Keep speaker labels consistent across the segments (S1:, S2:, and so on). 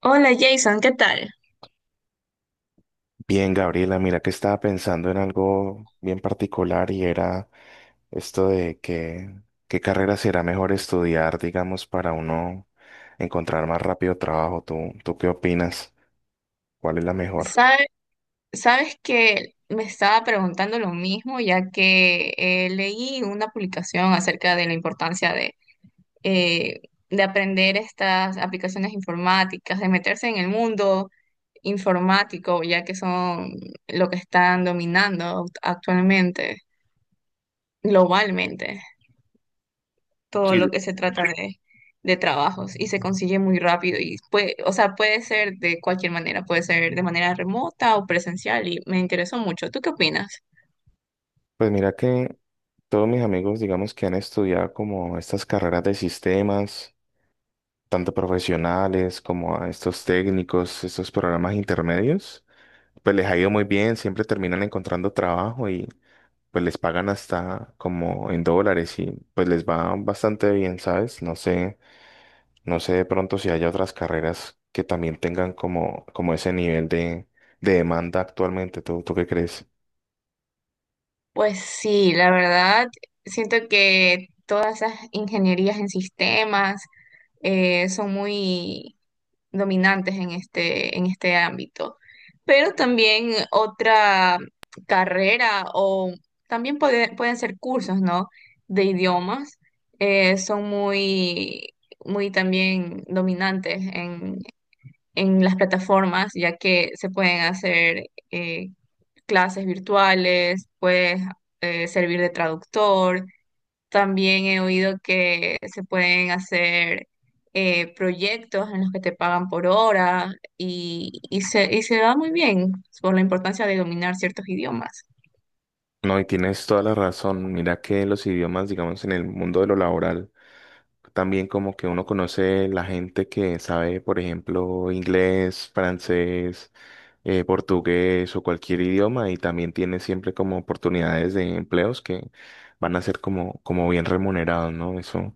S1: Hola Jason, ¿qué tal?
S2: Bien, Gabriela, mira que estaba pensando en algo bien particular y era esto de que qué carrera será mejor estudiar, digamos, para uno encontrar más rápido trabajo. ¿Tú qué opinas? ¿Cuál es la mejor?
S1: Sabe- sabes que me estaba preguntando lo mismo, ya que leí una publicación acerca de la importancia eh, de aprender estas aplicaciones informáticas, de meterse en el mundo informático, ya que son lo que están dominando actualmente, globalmente. Todo
S2: Sí.
S1: lo que se trata de trabajos y se consigue muy rápido y puede, o sea, puede ser de cualquier manera, puede ser de manera remota o presencial y me interesó mucho. ¿Tú qué opinas?
S2: Pues mira que todos mis amigos, digamos, que han estudiado como estas carreras de sistemas, tanto profesionales como a estos técnicos, estos programas intermedios, pues les ha ido muy bien, siempre terminan encontrando trabajo y pues les pagan hasta como en dólares y pues les va bastante bien, ¿sabes? No sé, no sé de pronto si haya otras carreras que también tengan como, como ese nivel de demanda actualmente. ¿Tú qué crees?
S1: Pues sí, la verdad, siento que todas esas ingenierías en sistemas son muy dominantes en este ámbito. Pero también otra carrera o también pueden ser cursos, ¿no? De idiomas. Son muy, muy también dominantes en las plataformas, ya que se pueden hacer eh, clases virtuales, puedes servir de traductor. También he oído que se pueden hacer proyectos en los que te pagan por hora y, y se da muy bien por la importancia de dominar ciertos idiomas.
S2: No, y tienes toda la razón. Mira que los idiomas, digamos, en el mundo de lo laboral, también como que uno conoce la gente que sabe, por ejemplo, inglés, francés, portugués o cualquier idioma y también tiene siempre como oportunidades de empleos que van a ser como, como bien remunerados, ¿no? Eso,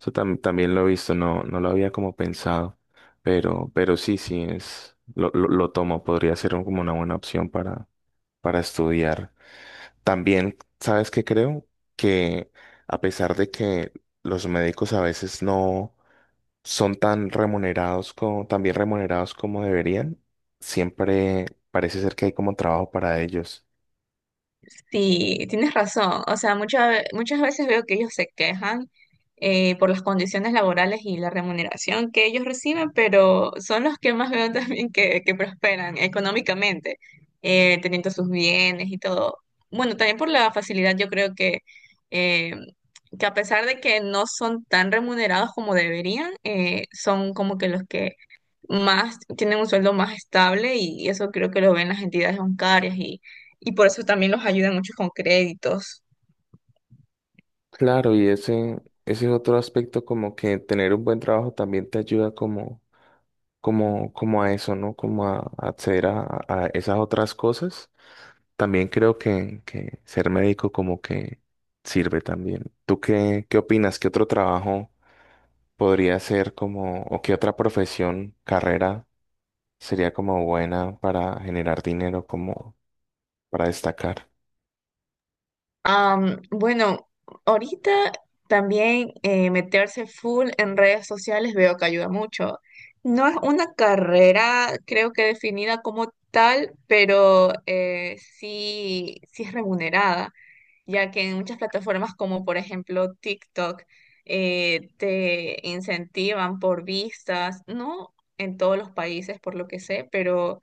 S2: también lo he visto, no, no lo había como pensado, pero sí, sí es, lo tomo, podría ser como una buena opción para estudiar. También, ¿sabes qué creo? Que a pesar de que los médicos a veces no son tan remunerados como, tan bien remunerados como deberían, siempre parece ser que hay como trabajo para ellos.
S1: Sí, tienes razón. O sea, muchas veces veo que ellos se quejan por las condiciones laborales y la remuneración que ellos reciben, pero son los que más veo también que prosperan económicamente, teniendo sus bienes y todo. Bueno, también por la facilidad, yo creo eh, que a pesar de que no son tan remunerados como deberían, son como que los que más, tienen un sueldo más estable y, eso creo que lo ven las entidades bancarias y por eso también los ayudan mucho con créditos.
S2: Claro, y ese es otro aspecto como que tener un buen trabajo también te ayuda como, como, como a eso, ¿no? Como a acceder a esas otras cosas. También creo que ser médico como que sirve también. ¿Tú qué, qué opinas? ¿Qué otro trabajo podría ser como, o qué otra profesión, carrera sería como buena para generar dinero, como para destacar?
S1: Bueno, ahorita también meterse full en redes sociales veo que ayuda mucho. No es una carrera, creo que definida como tal, pero sí, sí es remunerada. Ya que en muchas plataformas como por ejemplo TikTok te incentivan por vistas, no en todos los países por lo que sé, pero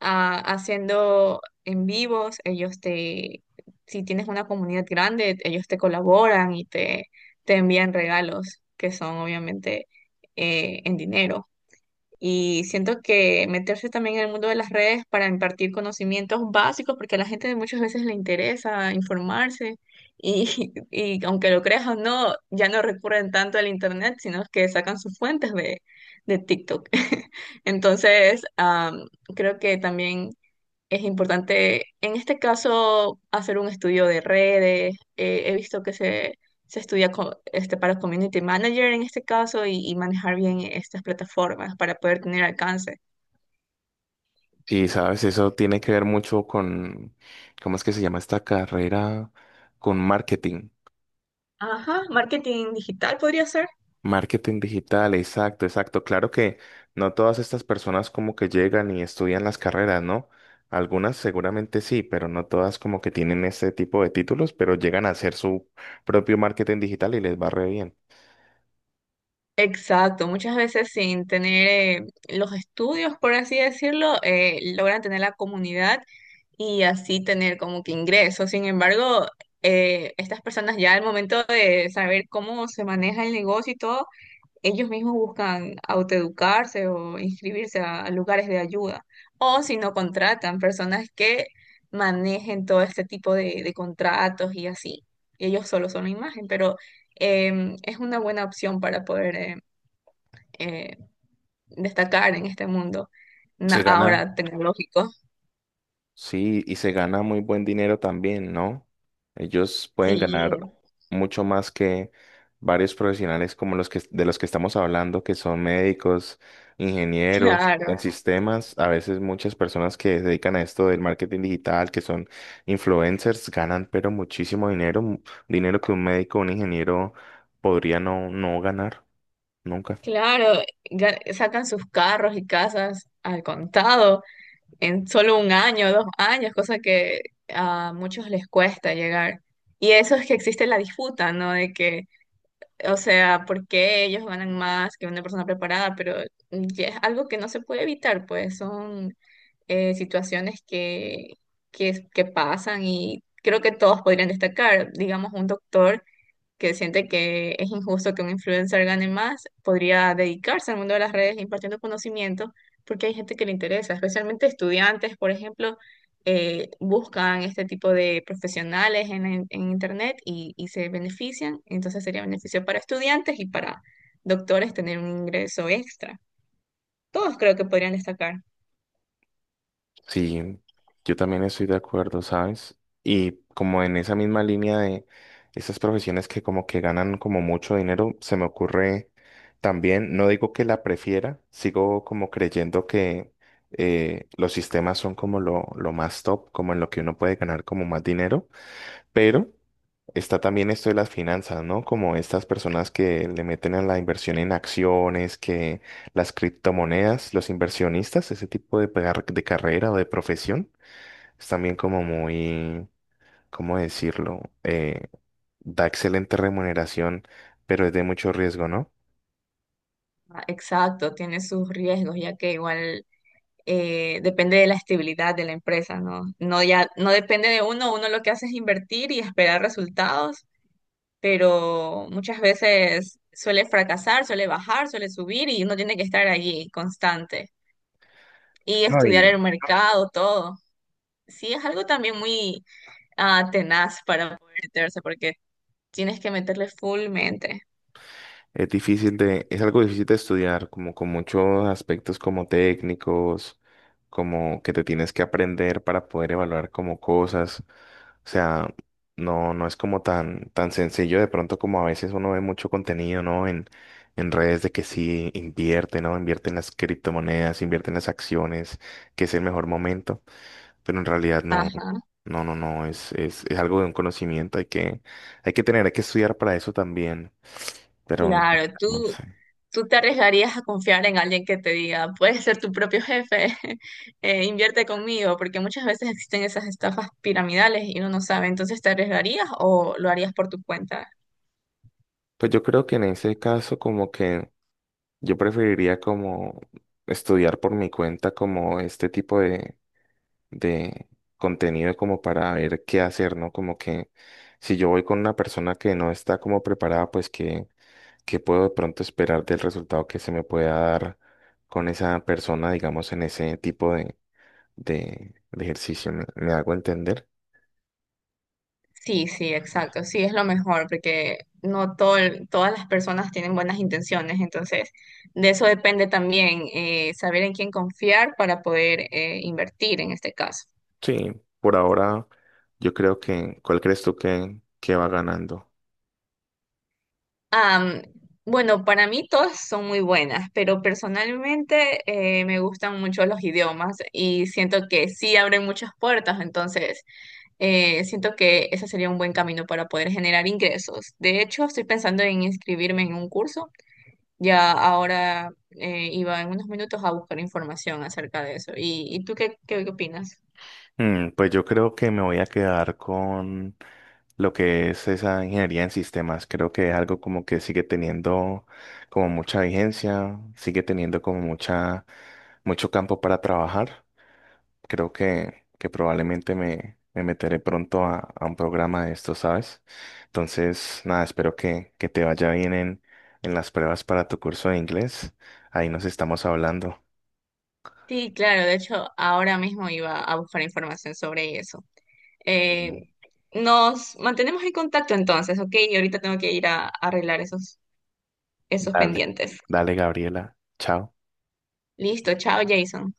S1: haciendo en vivos, ellos te, si tienes una comunidad grande, ellos te colaboran y te envían regalos que son obviamente en dinero. Y siento que meterse también en el mundo de las redes para impartir conocimientos básicos, porque a la gente muchas veces le interesa informarse y, y aunque lo creas o no, ya no recurren tanto al internet, sino que sacan sus fuentes de TikTok. Entonces, creo que también es importante, en este caso, hacer un estudio de redes. He visto que se estudia para community manager en este caso y manejar bien estas plataformas para poder tener alcance.
S2: Y sabes, eso tiene que ver mucho con, ¿cómo es que se llama esta carrera? Con marketing.
S1: Ajá, marketing digital podría ser.
S2: Marketing digital, exacto, exacto. Claro que no todas estas personas como que llegan y estudian las carreras, ¿no? Algunas seguramente sí, pero no todas como que tienen este tipo de títulos, pero llegan a hacer su propio marketing digital y les va re bien.
S1: Exacto, muchas veces sin tener eh, los estudios, por así decirlo, logran tener la comunidad y así tener como que ingresos. Sin embargo, estas personas ya al momento de saber cómo se maneja el negocio y todo, ellos mismos buscan autoeducarse o inscribirse a lugares de ayuda, o si no contratan personas que manejen todo este tipo de contratos y así. Y ellos solo son la imagen, pero es una buena opción para poder eh, destacar en este mundo
S2: Se gana,
S1: ahora tecnológico.
S2: sí, y se gana muy buen dinero también, ¿no? Ellos pueden
S1: Sí,
S2: ganar mucho más que varios profesionales como los que de los que estamos hablando, que son médicos, ingenieros,
S1: claro,
S2: en sistemas. A veces muchas personas que se dedican a esto del marketing digital, que son influencers, ganan pero muchísimo dinero, dinero que un médico o un ingeniero podría no, no ganar nunca.
S1: claro, sacan sus carros y casas al contado. En solo un año, dos años, cosa que a muchos les cuesta llegar. Y eso es que existe la disputa, ¿no? De que, o sea, ¿por qué ellos ganan más que una persona preparada? Pero ya es algo que no se puede evitar, pues son situaciones que, que pasan y creo que todos podrían destacar. Digamos, un doctor que siente que es injusto que un influencer gane más, podría dedicarse al mundo de las redes impartiendo conocimiento, porque hay gente que le interesa, especialmente estudiantes, por ejemplo, buscan este tipo de profesionales en, en Internet y se benefician, entonces sería beneficio para estudiantes y para doctores tener un ingreso extra. Todos creo que podrían destacar.
S2: Sí, yo también estoy de acuerdo, ¿sabes? Y como en esa misma línea de esas profesiones que como que ganan como mucho dinero, se me ocurre también, no digo que la prefiera, sigo como creyendo que los sistemas son como lo más top, como en lo que uno puede ganar como más dinero. Pero está también esto de las finanzas, ¿no? Como estas personas que le meten a la inversión en acciones, que las criptomonedas, los inversionistas, ese tipo de, de carrera o de profesión, es también como muy, ¿cómo decirlo? Da excelente remuneración, pero es de mucho riesgo, ¿no?
S1: Exacto, tiene sus riesgos, ya que igual depende de la estabilidad de la empresa, ¿no? No ya, no depende de uno, uno lo que hace es invertir y esperar resultados, pero muchas veces suele fracasar, suele bajar, suele subir y uno tiene que estar allí constante y
S2: No
S1: estudiar
S2: y
S1: el mercado, todo. Sí, es algo también muy tenaz para poder meterse porque tienes que meterle full mente.
S2: es difícil de, es algo difícil de estudiar, como con muchos aspectos como técnicos, como que te tienes que aprender para poder evaluar como cosas. O sea, no, no es como tan, tan sencillo de pronto como a veces uno ve mucho contenido, ¿no? En redes de que sí invierte, ¿no? Invierte en las criptomonedas, invierte en las acciones, que es el mejor momento. Pero en realidad no,
S1: Ajá,
S2: no, no, no, es algo de un conocimiento, hay que tener, hay que estudiar para eso también pero no,
S1: claro, tú,
S2: no sé.
S1: ¿tú te arriesgarías a confiar en alguien que te diga, puedes ser tu propio jefe, invierte conmigo? Porque muchas veces existen esas estafas piramidales y uno no sabe. Entonces, ¿te arriesgarías o lo harías por tu cuenta?
S2: Pues yo creo que en ese caso como que yo preferiría como estudiar por mi cuenta como este tipo de contenido como para ver qué hacer, ¿no? Como que si yo voy con una persona que no está como preparada, pues que puedo de pronto esperar del resultado que se me pueda dar con esa persona, digamos, en ese tipo de ejercicio. Me hago entender?
S1: Sí, sí, exacto. Sí, es lo mejor porque no todo, todas las personas tienen buenas intenciones. Entonces, de eso depende también saber en quién confiar para poder invertir en este caso.
S2: Sí, por ahora yo creo que, ¿cuál crees tú que va ganando?
S1: Am, bueno, para mí todas son muy buenas, pero personalmente me gustan mucho los idiomas y siento que sí abren muchas puertas, entonces siento que ese sería un buen camino para poder generar ingresos. De hecho, estoy pensando en inscribirme en un curso, ya ahora iba en unos minutos a buscar información acerca de eso. Y tú qué, qué opinas?
S2: Mm, pues yo creo que me voy a quedar con lo que es esa ingeniería en sistemas. Creo que es algo como que sigue teniendo como mucha vigencia, sigue teniendo como mucha, mucho campo para trabajar. Creo que probablemente me, me meteré pronto a un programa de esto, ¿sabes? Entonces, nada, espero que te vaya bien en las pruebas para tu curso de inglés. Ahí nos estamos hablando.
S1: Sí, claro, de hecho, ahora mismo iba a buscar información sobre eso. Eh, Nos mantenemos en contacto entonces, ¿ok? Y ahorita tengo que ir a arreglar esos, esos
S2: Dale,
S1: pendientes.
S2: dale, Gabriela. Chao.
S1: Listo, chao, Jason.